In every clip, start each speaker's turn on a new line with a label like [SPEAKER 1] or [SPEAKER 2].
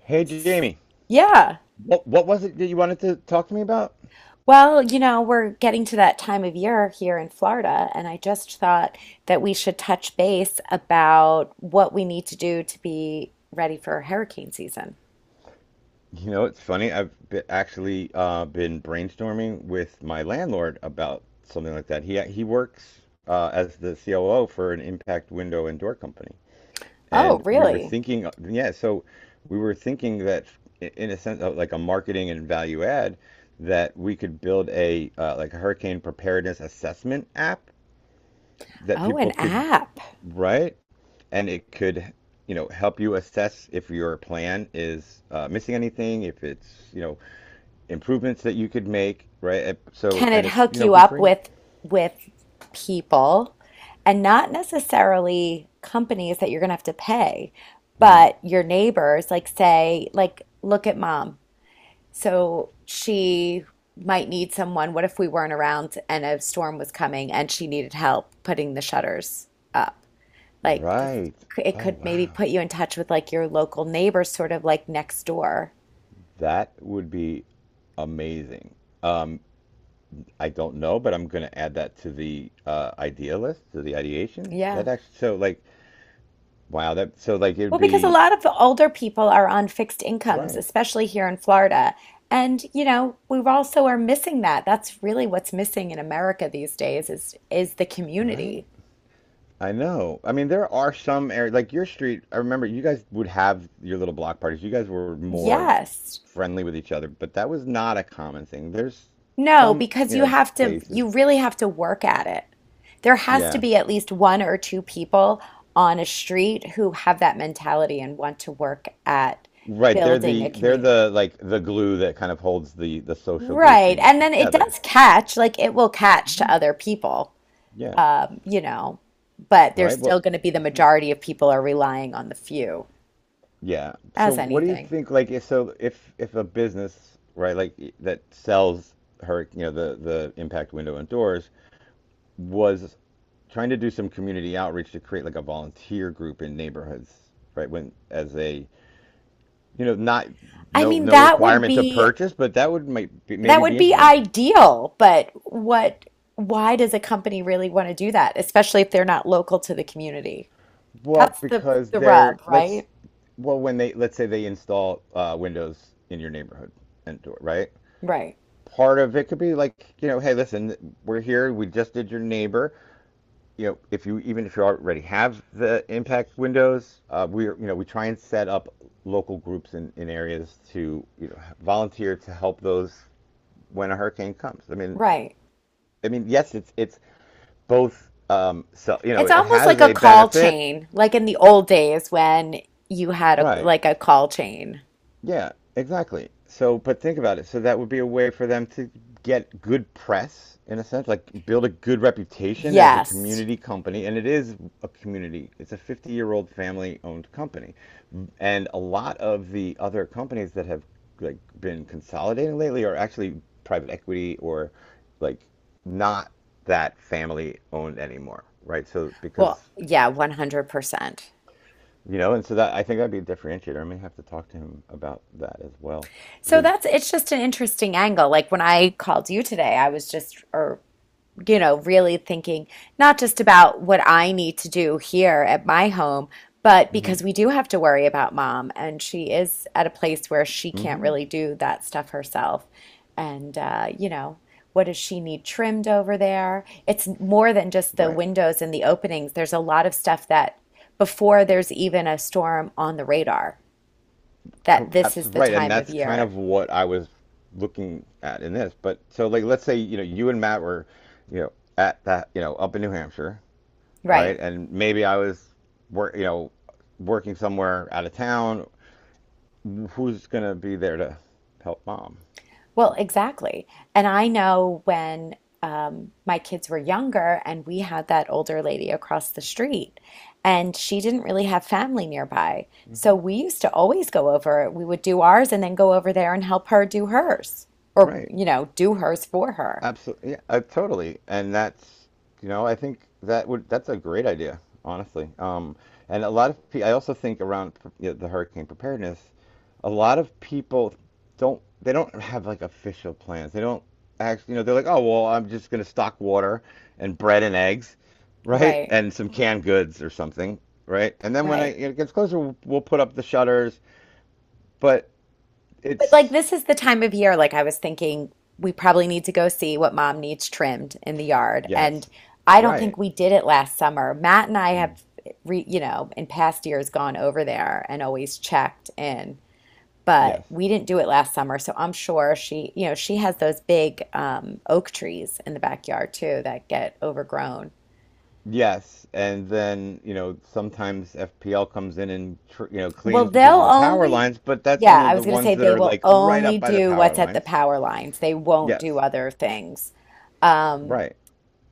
[SPEAKER 1] Hey Jamie,
[SPEAKER 2] Yeah.
[SPEAKER 1] what was it that you wanted to talk to me about?
[SPEAKER 2] Well, you know, we're getting to that time of year here in Florida, and I just thought that we should touch base about what we need to do to be ready for hurricane season.
[SPEAKER 1] You know, it's funny. I've be actually been brainstorming with my landlord about something like that. He works as the COO for an impact window and door company,
[SPEAKER 2] Oh,
[SPEAKER 1] and we were
[SPEAKER 2] really?
[SPEAKER 1] thinking, yeah, so we were thinking that in a sense of like a marketing and value add, that we could build a like a hurricane preparedness assessment app that
[SPEAKER 2] Oh,
[SPEAKER 1] people
[SPEAKER 2] an
[SPEAKER 1] could,
[SPEAKER 2] app.
[SPEAKER 1] right? And it could help you assess if your plan is missing anything, if it's improvements that you could make, right. So
[SPEAKER 2] Can it
[SPEAKER 1] and it's
[SPEAKER 2] hook you
[SPEAKER 1] be
[SPEAKER 2] up
[SPEAKER 1] free.
[SPEAKER 2] with people and not necessarily companies that you're going to have to pay,
[SPEAKER 1] Hmm.
[SPEAKER 2] but your neighbors, like say, like look at mom. So she might need someone. What if we weren't around and a storm was coming and she needed help putting the shutters up? Like this,
[SPEAKER 1] Right.
[SPEAKER 2] it
[SPEAKER 1] Oh
[SPEAKER 2] could maybe
[SPEAKER 1] wow,
[SPEAKER 2] put you in touch with like your local neighbor, sort of like next door.
[SPEAKER 1] that would be amazing. Um i don't know, but I'm going to add that to the idea list, to the ideation
[SPEAKER 2] Yeah.
[SPEAKER 1] that, actually so like, wow, that so like it would
[SPEAKER 2] Well, because a
[SPEAKER 1] be,
[SPEAKER 2] lot of the older people are on fixed incomes,
[SPEAKER 1] right.
[SPEAKER 2] especially here in Florida. And, you know, we also are missing that. That's really what's missing in America these days is the
[SPEAKER 1] Right.
[SPEAKER 2] community.
[SPEAKER 1] I know. I mean, there are some areas like your street. I remember you guys would have your little block parties. You guys were more
[SPEAKER 2] Yes.
[SPEAKER 1] friendly with each other, but that was not a common thing. There's
[SPEAKER 2] No,
[SPEAKER 1] some,
[SPEAKER 2] because
[SPEAKER 1] you
[SPEAKER 2] you
[SPEAKER 1] know,
[SPEAKER 2] have to,
[SPEAKER 1] places.
[SPEAKER 2] you really have to work at it. There has to
[SPEAKER 1] Yeah.
[SPEAKER 2] be at least one or two people on a street who have that mentality and want to work at
[SPEAKER 1] Right. They're
[SPEAKER 2] building a
[SPEAKER 1] the they're
[SPEAKER 2] community.
[SPEAKER 1] the like the glue that kind of holds the social
[SPEAKER 2] Right.
[SPEAKER 1] grouping
[SPEAKER 2] And then it
[SPEAKER 1] together.
[SPEAKER 2] does catch, like it will catch to other people,
[SPEAKER 1] Yeah.
[SPEAKER 2] you know, but there's
[SPEAKER 1] Right. Well,
[SPEAKER 2] still going to be the majority of people are relying on the few
[SPEAKER 1] yeah. So
[SPEAKER 2] as
[SPEAKER 1] what do you
[SPEAKER 2] anything.
[SPEAKER 1] think like, if so if a business, right, like that sells, her, you know, the impact window and doors, was trying to do some community outreach to create like a volunteer group in neighborhoods, right? When as a, not
[SPEAKER 2] I
[SPEAKER 1] no
[SPEAKER 2] mean,
[SPEAKER 1] no
[SPEAKER 2] that would
[SPEAKER 1] requirement to
[SPEAKER 2] be
[SPEAKER 1] purchase, but that would, might be,
[SPEAKER 2] that
[SPEAKER 1] maybe
[SPEAKER 2] would
[SPEAKER 1] be
[SPEAKER 2] be
[SPEAKER 1] interesting.
[SPEAKER 2] ideal, but what, why does a company really want to do that, especially if they're not local to the community?
[SPEAKER 1] Well,
[SPEAKER 2] That's the
[SPEAKER 1] because
[SPEAKER 2] the
[SPEAKER 1] they're,
[SPEAKER 2] rub,
[SPEAKER 1] let's,
[SPEAKER 2] right?
[SPEAKER 1] well, when they, let's say they install windows in your neighborhood and door, right?
[SPEAKER 2] Right.
[SPEAKER 1] Part of it could be like, hey listen, we're here, we just did your neighbor, if you, even if you already have the impact windows, we, we try and set up local groups in areas to volunteer to help those when a hurricane comes. I mean,
[SPEAKER 2] Right.
[SPEAKER 1] yes, it's both. So
[SPEAKER 2] It's
[SPEAKER 1] it
[SPEAKER 2] almost like
[SPEAKER 1] has
[SPEAKER 2] a
[SPEAKER 1] a
[SPEAKER 2] call
[SPEAKER 1] benefit,
[SPEAKER 2] chain, like in the old days when you had a,
[SPEAKER 1] right?
[SPEAKER 2] like a call chain.
[SPEAKER 1] Yeah, exactly. So, but think about it. So that would be a way for them to get good press, in a sense, like build a good reputation as a
[SPEAKER 2] Yes.
[SPEAKER 1] community company. And it is a community. It's a 50-year-old family-owned company. And a lot of the other companies that have like been consolidating lately are actually private equity, or like, not that family-owned anymore, right? So because,
[SPEAKER 2] Well, yeah, 100%.
[SPEAKER 1] you know, and so, that I think that'd be a differentiator. I may have to talk to him about that as well
[SPEAKER 2] So
[SPEAKER 1] because,
[SPEAKER 2] that's it's just an interesting angle. Like when I called you today, I was just or you know, really thinking not just about what I need to do here at my home, but because we do have to worry about mom, and she is at a place where she can't
[SPEAKER 1] hmm.
[SPEAKER 2] really do that stuff herself. And, you know, what does she need trimmed over there? It's more than just the
[SPEAKER 1] Right.
[SPEAKER 2] windows and the openings. There's a lot of stuff that before there's even a storm on the radar, that this is the
[SPEAKER 1] Right. And
[SPEAKER 2] time of
[SPEAKER 1] that's kind
[SPEAKER 2] year.
[SPEAKER 1] of what I was looking at in this. But so, like, let's say, you know, you and Matt were, you know, at that, you know, up in New Hampshire. All
[SPEAKER 2] Right.
[SPEAKER 1] right. And maybe I was work, you know, working somewhere out of town. Who's going to be there to help mom?
[SPEAKER 2] Well, exactly. And I know when my kids were younger and we had that older lady across the street, and she didn't really have family nearby. So we used to always go over, we would do ours and then go over there and help her do hers or,
[SPEAKER 1] Right.
[SPEAKER 2] you know, do hers for her.
[SPEAKER 1] Absolutely. Yeah, totally. And that's, you know, I think that would, that's a great idea, honestly. And a lot of, I also think around, you know, the hurricane preparedness, a lot of people don't they don't have like official plans. They don't actually, you know, they're like, "Oh, well, I'm just going to stock water and bread and eggs, right?
[SPEAKER 2] Right,
[SPEAKER 1] And some canned goods or something, right? And then when
[SPEAKER 2] right.
[SPEAKER 1] it gets closer, we'll, put up the shutters, but
[SPEAKER 2] But like
[SPEAKER 1] it's,
[SPEAKER 2] this is the time of year, like I was thinking we probably need to go see what mom needs trimmed in the yard. And
[SPEAKER 1] yes.
[SPEAKER 2] I don't think
[SPEAKER 1] Right.
[SPEAKER 2] we did it last summer. Matt and I
[SPEAKER 1] Mm.
[SPEAKER 2] have you know, in past years gone over there and always checked in,
[SPEAKER 1] Yes.
[SPEAKER 2] but we didn't do it last summer. So I'm sure she, you know, she has those big oak trees in the backyard too that get overgrown.
[SPEAKER 1] Yes. And then, you know, sometimes FPL comes in and, tr you know,
[SPEAKER 2] Well,
[SPEAKER 1] cleans because
[SPEAKER 2] they'll
[SPEAKER 1] of the power
[SPEAKER 2] only,
[SPEAKER 1] lines, but that's
[SPEAKER 2] yeah,
[SPEAKER 1] only
[SPEAKER 2] I was
[SPEAKER 1] the
[SPEAKER 2] going to say
[SPEAKER 1] ones that
[SPEAKER 2] they
[SPEAKER 1] are
[SPEAKER 2] will
[SPEAKER 1] like right
[SPEAKER 2] only
[SPEAKER 1] up by the
[SPEAKER 2] do
[SPEAKER 1] power
[SPEAKER 2] what's at the
[SPEAKER 1] lines.
[SPEAKER 2] power lines. They won't do
[SPEAKER 1] Yes.
[SPEAKER 2] other things. Um,
[SPEAKER 1] Right.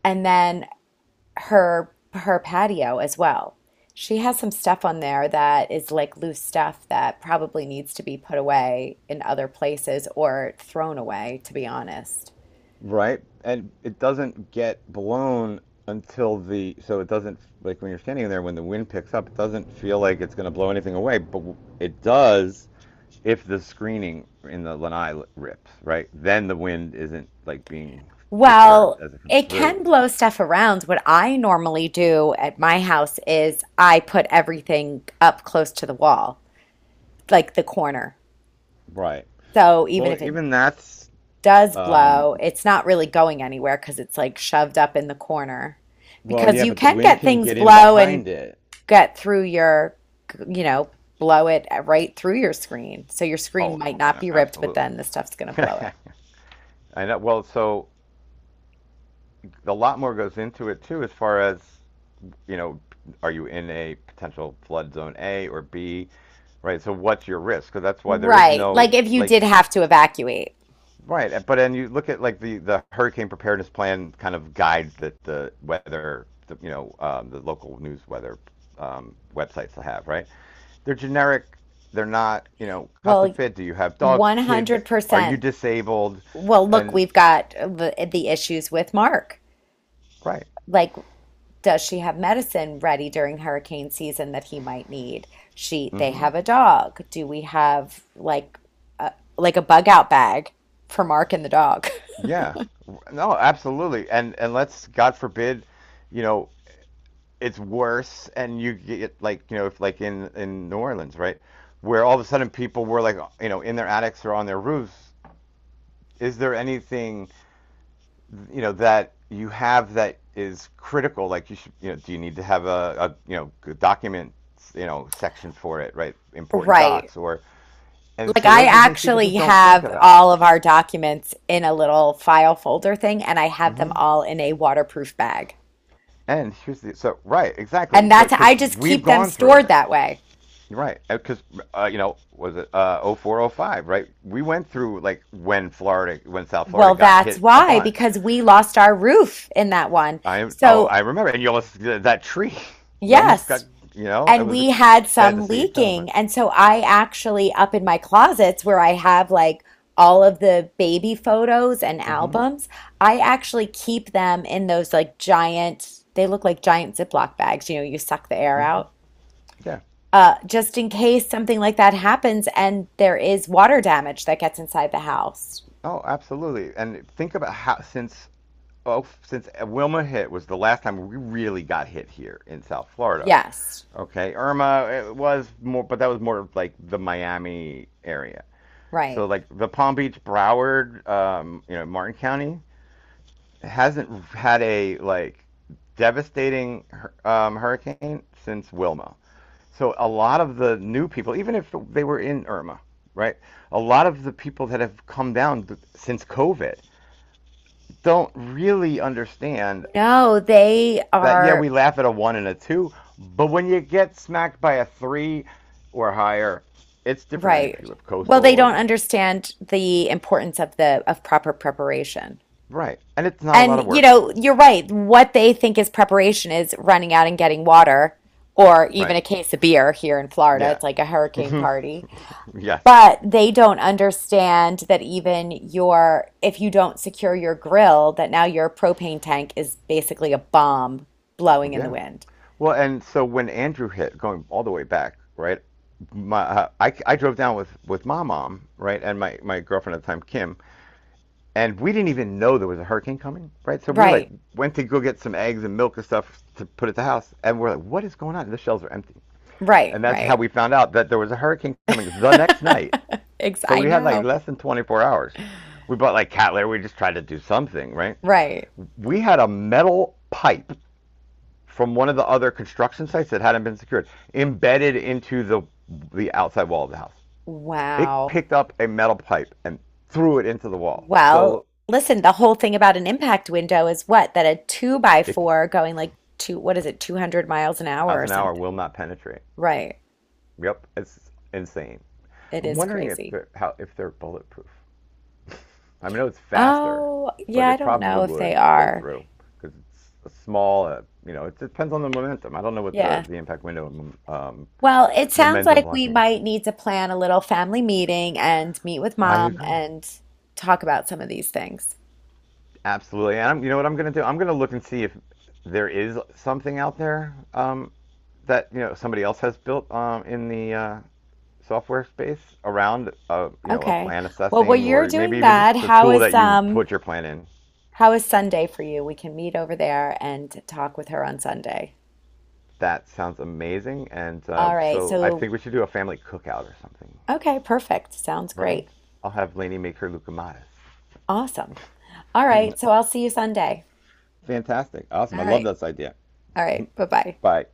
[SPEAKER 2] and then her patio as well. She has some stuff on there that is like loose stuff that probably needs to be put away in other places or thrown away, to be honest.
[SPEAKER 1] Right? And it doesn't get blown until the, so it doesn't, like when you're standing in there, when the wind picks up, it doesn't feel like it's going to blow anything away, but it does if the screening in the lanai rips, right? Then the wind isn't like being disturbed
[SPEAKER 2] Well,
[SPEAKER 1] as it comes
[SPEAKER 2] it
[SPEAKER 1] through.
[SPEAKER 2] can blow stuff around. What I normally do at my house is I put everything up close to the wall, like the corner.
[SPEAKER 1] Right.
[SPEAKER 2] So even
[SPEAKER 1] Well,
[SPEAKER 2] if it
[SPEAKER 1] even that's,
[SPEAKER 2] does
[SPEAKER 1] um,
[SPEAKER 2] blow, it's not really going anywhere because it's like shoved up in the corner
[SPEAKER 1] well,
[SPEAKER 2] because
[SPEAKER 1] yeah,
[SPEAKER 2] you
[SPEAKER 1] but the
[SPEAKER 2] can
[SPEAKER 1] wind
[SPEAKER 2] get
[SPEAKER 1] can
[SPEAKER 2] things
[SPEAKER 1] get in
[SPEAKER 2] blow and
[SPEAKER 1] behind it.
[SPEAKER 2] get through your, you know, blow it right through your screen. So your screen
[SPEAKER 1] Oh,
[SPEAKER 2] might
[SPEAKER 1] I
[SPEAKER 2] not
[SPEAKER 1] know,
[SPEAKER 2] be ripped, but
[SPEAKER 1] absolutely.
[SPEAKER 2] then the stuff's going to blow
[SPEAKER 1] I
[SPEAKER 2] it.
[SPEAKER 1] know. Well, so a lot more goes into it too, as far as, you know, are you in a potential flood zone A or B, right? So what's your risk? Because that's why there is
[SPEAKER 2] Right.
[SPEAKER 1] no
[SPEAKER 2] Like if you
[SPEAKER 1] like,
[SPEAKER 2] did have to evacuate.
[SPEAKER 1] right. But then you look at like the hurricane preparedness plan kind of guides that the weather, the, you know, the local news weather websites will have, right? They're generic. They're not, you know, custom
[SPEAKER 2] Well,
[SPEAKER 1] fit. Do you have dogs, kids? Are you
[SPEAKER 2] 100%.
[SPEAKER 1] disabled?
[SPEAKER 2] Well, look,
[SPEAKER 1] And
[SPEAKER 2] we've got the issues with Mark.
[SPEAKER 1] right.
[SPEAKER 2] Like, does she have medicine ready during hurricane season that he might need? She, they
[SPEAKER 1] Hmm.
[SPEAKER 2] have a dog. Do we have like a bug out bag for Mark and the dog?
[SPEAKER 1] Yeah. No, absolutely. And let's, God forbid, you know, it's worse and you get like, you know, if like in New Orleans, right, where all of a sudden people were like, you know, in their attics or on their roofs, is there anything, you know, that you have that is critical, like you should, you know, do you need to have a, you know, document, you know, section for it, right, important
[SPEAKER 2] Right.
[SPEAKER 1] docs, or, and
[SPEAKER 2] Like
[SPEAKER 1] so
[SPEAKER 2] I
[SPEAKER 1] those are the things people
[SPEAKER 2] actually
[SPEAKER 1] just don't think
[SPEAKER 2] have
[SPEAKER 1] about.
[SPEAKER 2] all of our documents in a little file folder thing, and I
[SPEAKER 1] Mm
[SPEAKER 2] have them
[SPEAKER 1] hmm
[SPEAKER 2] all in a waterproof bag.
[SPEAKER 1] and here's the, so right, exactly,
[SPEAKER 2] And
[SPEAKER 1] but
[SPEAKER 2] that's I
[SPEAKER 1] because
[SPEAKER 2] just
[SPEAKER 1] we've
[SPEAKER 2] keep them
[SPEAKER 1] gone through
[SPEAKER 2] stored
[SPEAKER 1] it.
[SPEAKER 2] that way.
[SPEAKER 1] Right, because you know, was it oh 04, 05? Right, we went through like when when South Florida
[SPEAKER 2] Well,
[SPEAKER 1] got
[SPEAKER 2] that's
[SPEAKER 1] hit a
[SPEAKER 2] why,
[SPEAKER 1] bunch.
[SPEAKER 2] because we lost our roof in that one.
[SPEAKER 1] I I,
[SPEAKER 2] So,
[SPEAKER 1] I remember, and you almost that tree, you almost got,
[SPEAKER 2] yes,
[SPEAKER 1] you know, it
[SPEAKER 2] and
[SPEAKER 1] was
[SPEAKER 2] we had
[SPEAKER 1] sad to
[SPEAKER 2] some
[SPEAKER 1] see it go, but,
[SPEAKER 2] leaking. And so I actually, up in my closets where I have like all of the baby photos and
[SPEAKER 1] hmm,
[SPEAKER 2] albums, I actually keep them in those like giant, they look like giant Ziploc bags. You know, you suck the air out.
[SPEAKER 1] yeah,
[SPEAKER 2] Just in case something like that happens and there is water damage that gets inside the house.
[SPEAKER 1] oh, absolutely. And think about how since Wilma hit was the last time we really got hit here in South Florida.
[SPEAKER 2] Yes,
[SPEAKER 1] Okay, Irma, it was more, but that was more of, like, the Miami area.
[SPEAKER 2] right.
[SPEAKER 1] So like the Palm Beach, Broward, you know, Martin County hasn't had a like devastating hurricane since Wilma. So a lot of the new people, even if they were in Irma, right? A lot of the people that have come down since COVID don't really understand
[SPEAKER 2] No, they
[SPEAKER 1] that. Yeah,
[SPEAKER 2] are
[SPEAKER 1] we laugh at a one and a two, but when you get smacked by a three or higher, it's different. And if you
[SPEAKER 2] right.
[SPEAKER 1] live
[SPEAKER 2] Well, they
[SPEAKER 1] coastal,
[SPEAKER 2] don't
[SPEAKER 1] and
[SPEAKER 2] understand the importance of the of proper preparation.
[SPEAKER 1] right, and it's not a lot of
[SPEAKER 2] And, you
[SPEAKER 1] work,
[SPEAKER 2] know, you're right. What they think is preparation is running out and getting water or even
[SPEAKER 1] right?
[SPEAKER 2] a case of beer here in Florida.
[SPEAKER 1] Yeah.
[SPEAKER 2] It's like a hurricane
[SPEAKER 1] Mhm.
[SPEAKER 2] party.
[SPEAKER 1] Yes.
[SPEAKER 2] But they don't understand that even your, if you don't secure your grill, that now your propane tank is basically a bomb blowing in the
[SPEAKER 1] Yeah.
[SPEAKER 2] wind.
[SPEAKER 1] Well, and so when Andrew hit, going all the way back, right? I drove down with my mom, right, and my girlfriend at the time, Kim, and we didn't even know there was a hurricane coming, right? So
[SPEAKER 2] Right,
[SPEAKER 1] went to go get some eggs and milk and stuff to put at the house, and we're like, what is going on? The shelves are empty,
[SPEAKER 2] right,
[SPEAKER 1] and that's how
[SPEAKER 2] right.
[SPEAKER 1] we found out that there was a hurricane coming the next night.
[SPEAKER 2] Ex
[SPEAKER 1] So
[SPEAKER 2] I
[SPEAKER 1] we had like
[SPEAKER 2] know.
[SPEAKER 1] less than 24 hours. We bought like cat litter. We just tried to do something, right?
[SPEAKER 2] Right.
[SPEAKER 1] We had a metal pipe from one of the other construction sites that hadn't been secured, embedded into the outside wall of the house. It
[SPEAKER 2] Wow.
[SPEAKER 1] picked up a metal pipe and threw it into the wall. So
[SPEAKER 2] Well, listen, the whole thing about an impact window is what? That a two by
[SPEAKER 1] it,
[SPEAKER 2] four going like two, what is it, 200 miles an hour
[SPEAKER 1] miles
[SPEAKER 2] or
[SPEAKER 1] an hour
[SPEAKER 2] something.
[SPEAKER 1] will not penetrate.
[SPEAKER 2] Right.
[SPEAKER 1] Yep, it's insane.
[SPEAKER 2] It
[SPEAKER 1] I'm
[SPEAKER 2] is
[SPEAKER 1] wondering if
[SPEAKER 2] crazy.
[SPEAKER 1] they're how if they're bulletproof. I mean, I know it's faster,
[SPEAKER 2] Oh, yeah,
[SPEAKER 1] but
[SPEAKER 2] I
[SPEAKER 1] it
[SPEAKER 2] don't
[SPEAKER 1] probably
[SPEAKER 2] know if they
[SPEAKER 1] would go
[SPEAKER 2] are.
[SPEAKER 1] through because it's a small. It depends on the momentum. I don't know what the
[SPEAKER 2] Yeah.
[SPEAKER 1] the impact window,
[SPEAKER 2] Well, it sounds
[SPEAKER 1] momentum
[SPEAKER 2] like we
[SPEAKER 1] blocking.
[SPEAKER 2] might need to plan a little family meeting and meet with
[SPEAKER 1] I
[SPEAKER 2] mom
[SPEAKER 1] agree.
[SPEAKER 2] and talk about some of these things.
[SPEAKER 1] Absolutely. And I'm, you know what I'm going to do? I'm going to look and see if there is something out there, that, you know, somebody else has built in the software space around a
[SPEAKER 2] Okay.
[SPEAKER 1] plan
[SPEAKER 2] Well, while
[SPEAKER 1] assessing,
[SPEAKER 2] you're
[SPEAKER 1] or maybe
[SPEAKER 2] doing
[SPEAKER 1] even just
[SPEAKER 2] that,
[SPEAKER 1] a tool that you put your plan in.
[SPEAKER 2] how is Sunday for you? We can meet over there and talk with her on Sunday.
[SPEAKER 1] That sounds amazing. And
[SPEAKER 2] All right.
[SPEAKER 1] so I
[SPEAKER 2] So
[SPEAKER 1] think we should do a family cookout or something,
[SPEAKER 2] okay, perfect. Sounds
[SPEAKER 1] right?
[SPEAKER 2] great.
[SPEAKER 1] I'll have Lainey make her lucamadas.
[SPEAKER 2] Awesome. All right, so I'll see you Sunday.
[SPEAKER 1] Fantastic. Awesome.
[SPEAKER 2] All
[SPEAKER 1] I love
[SPEAKER 2] right.
[SPEAKER 1] this idea.
[SPEAKER 2] All right. Bye-bye.
[SPEAKER 1] Bye.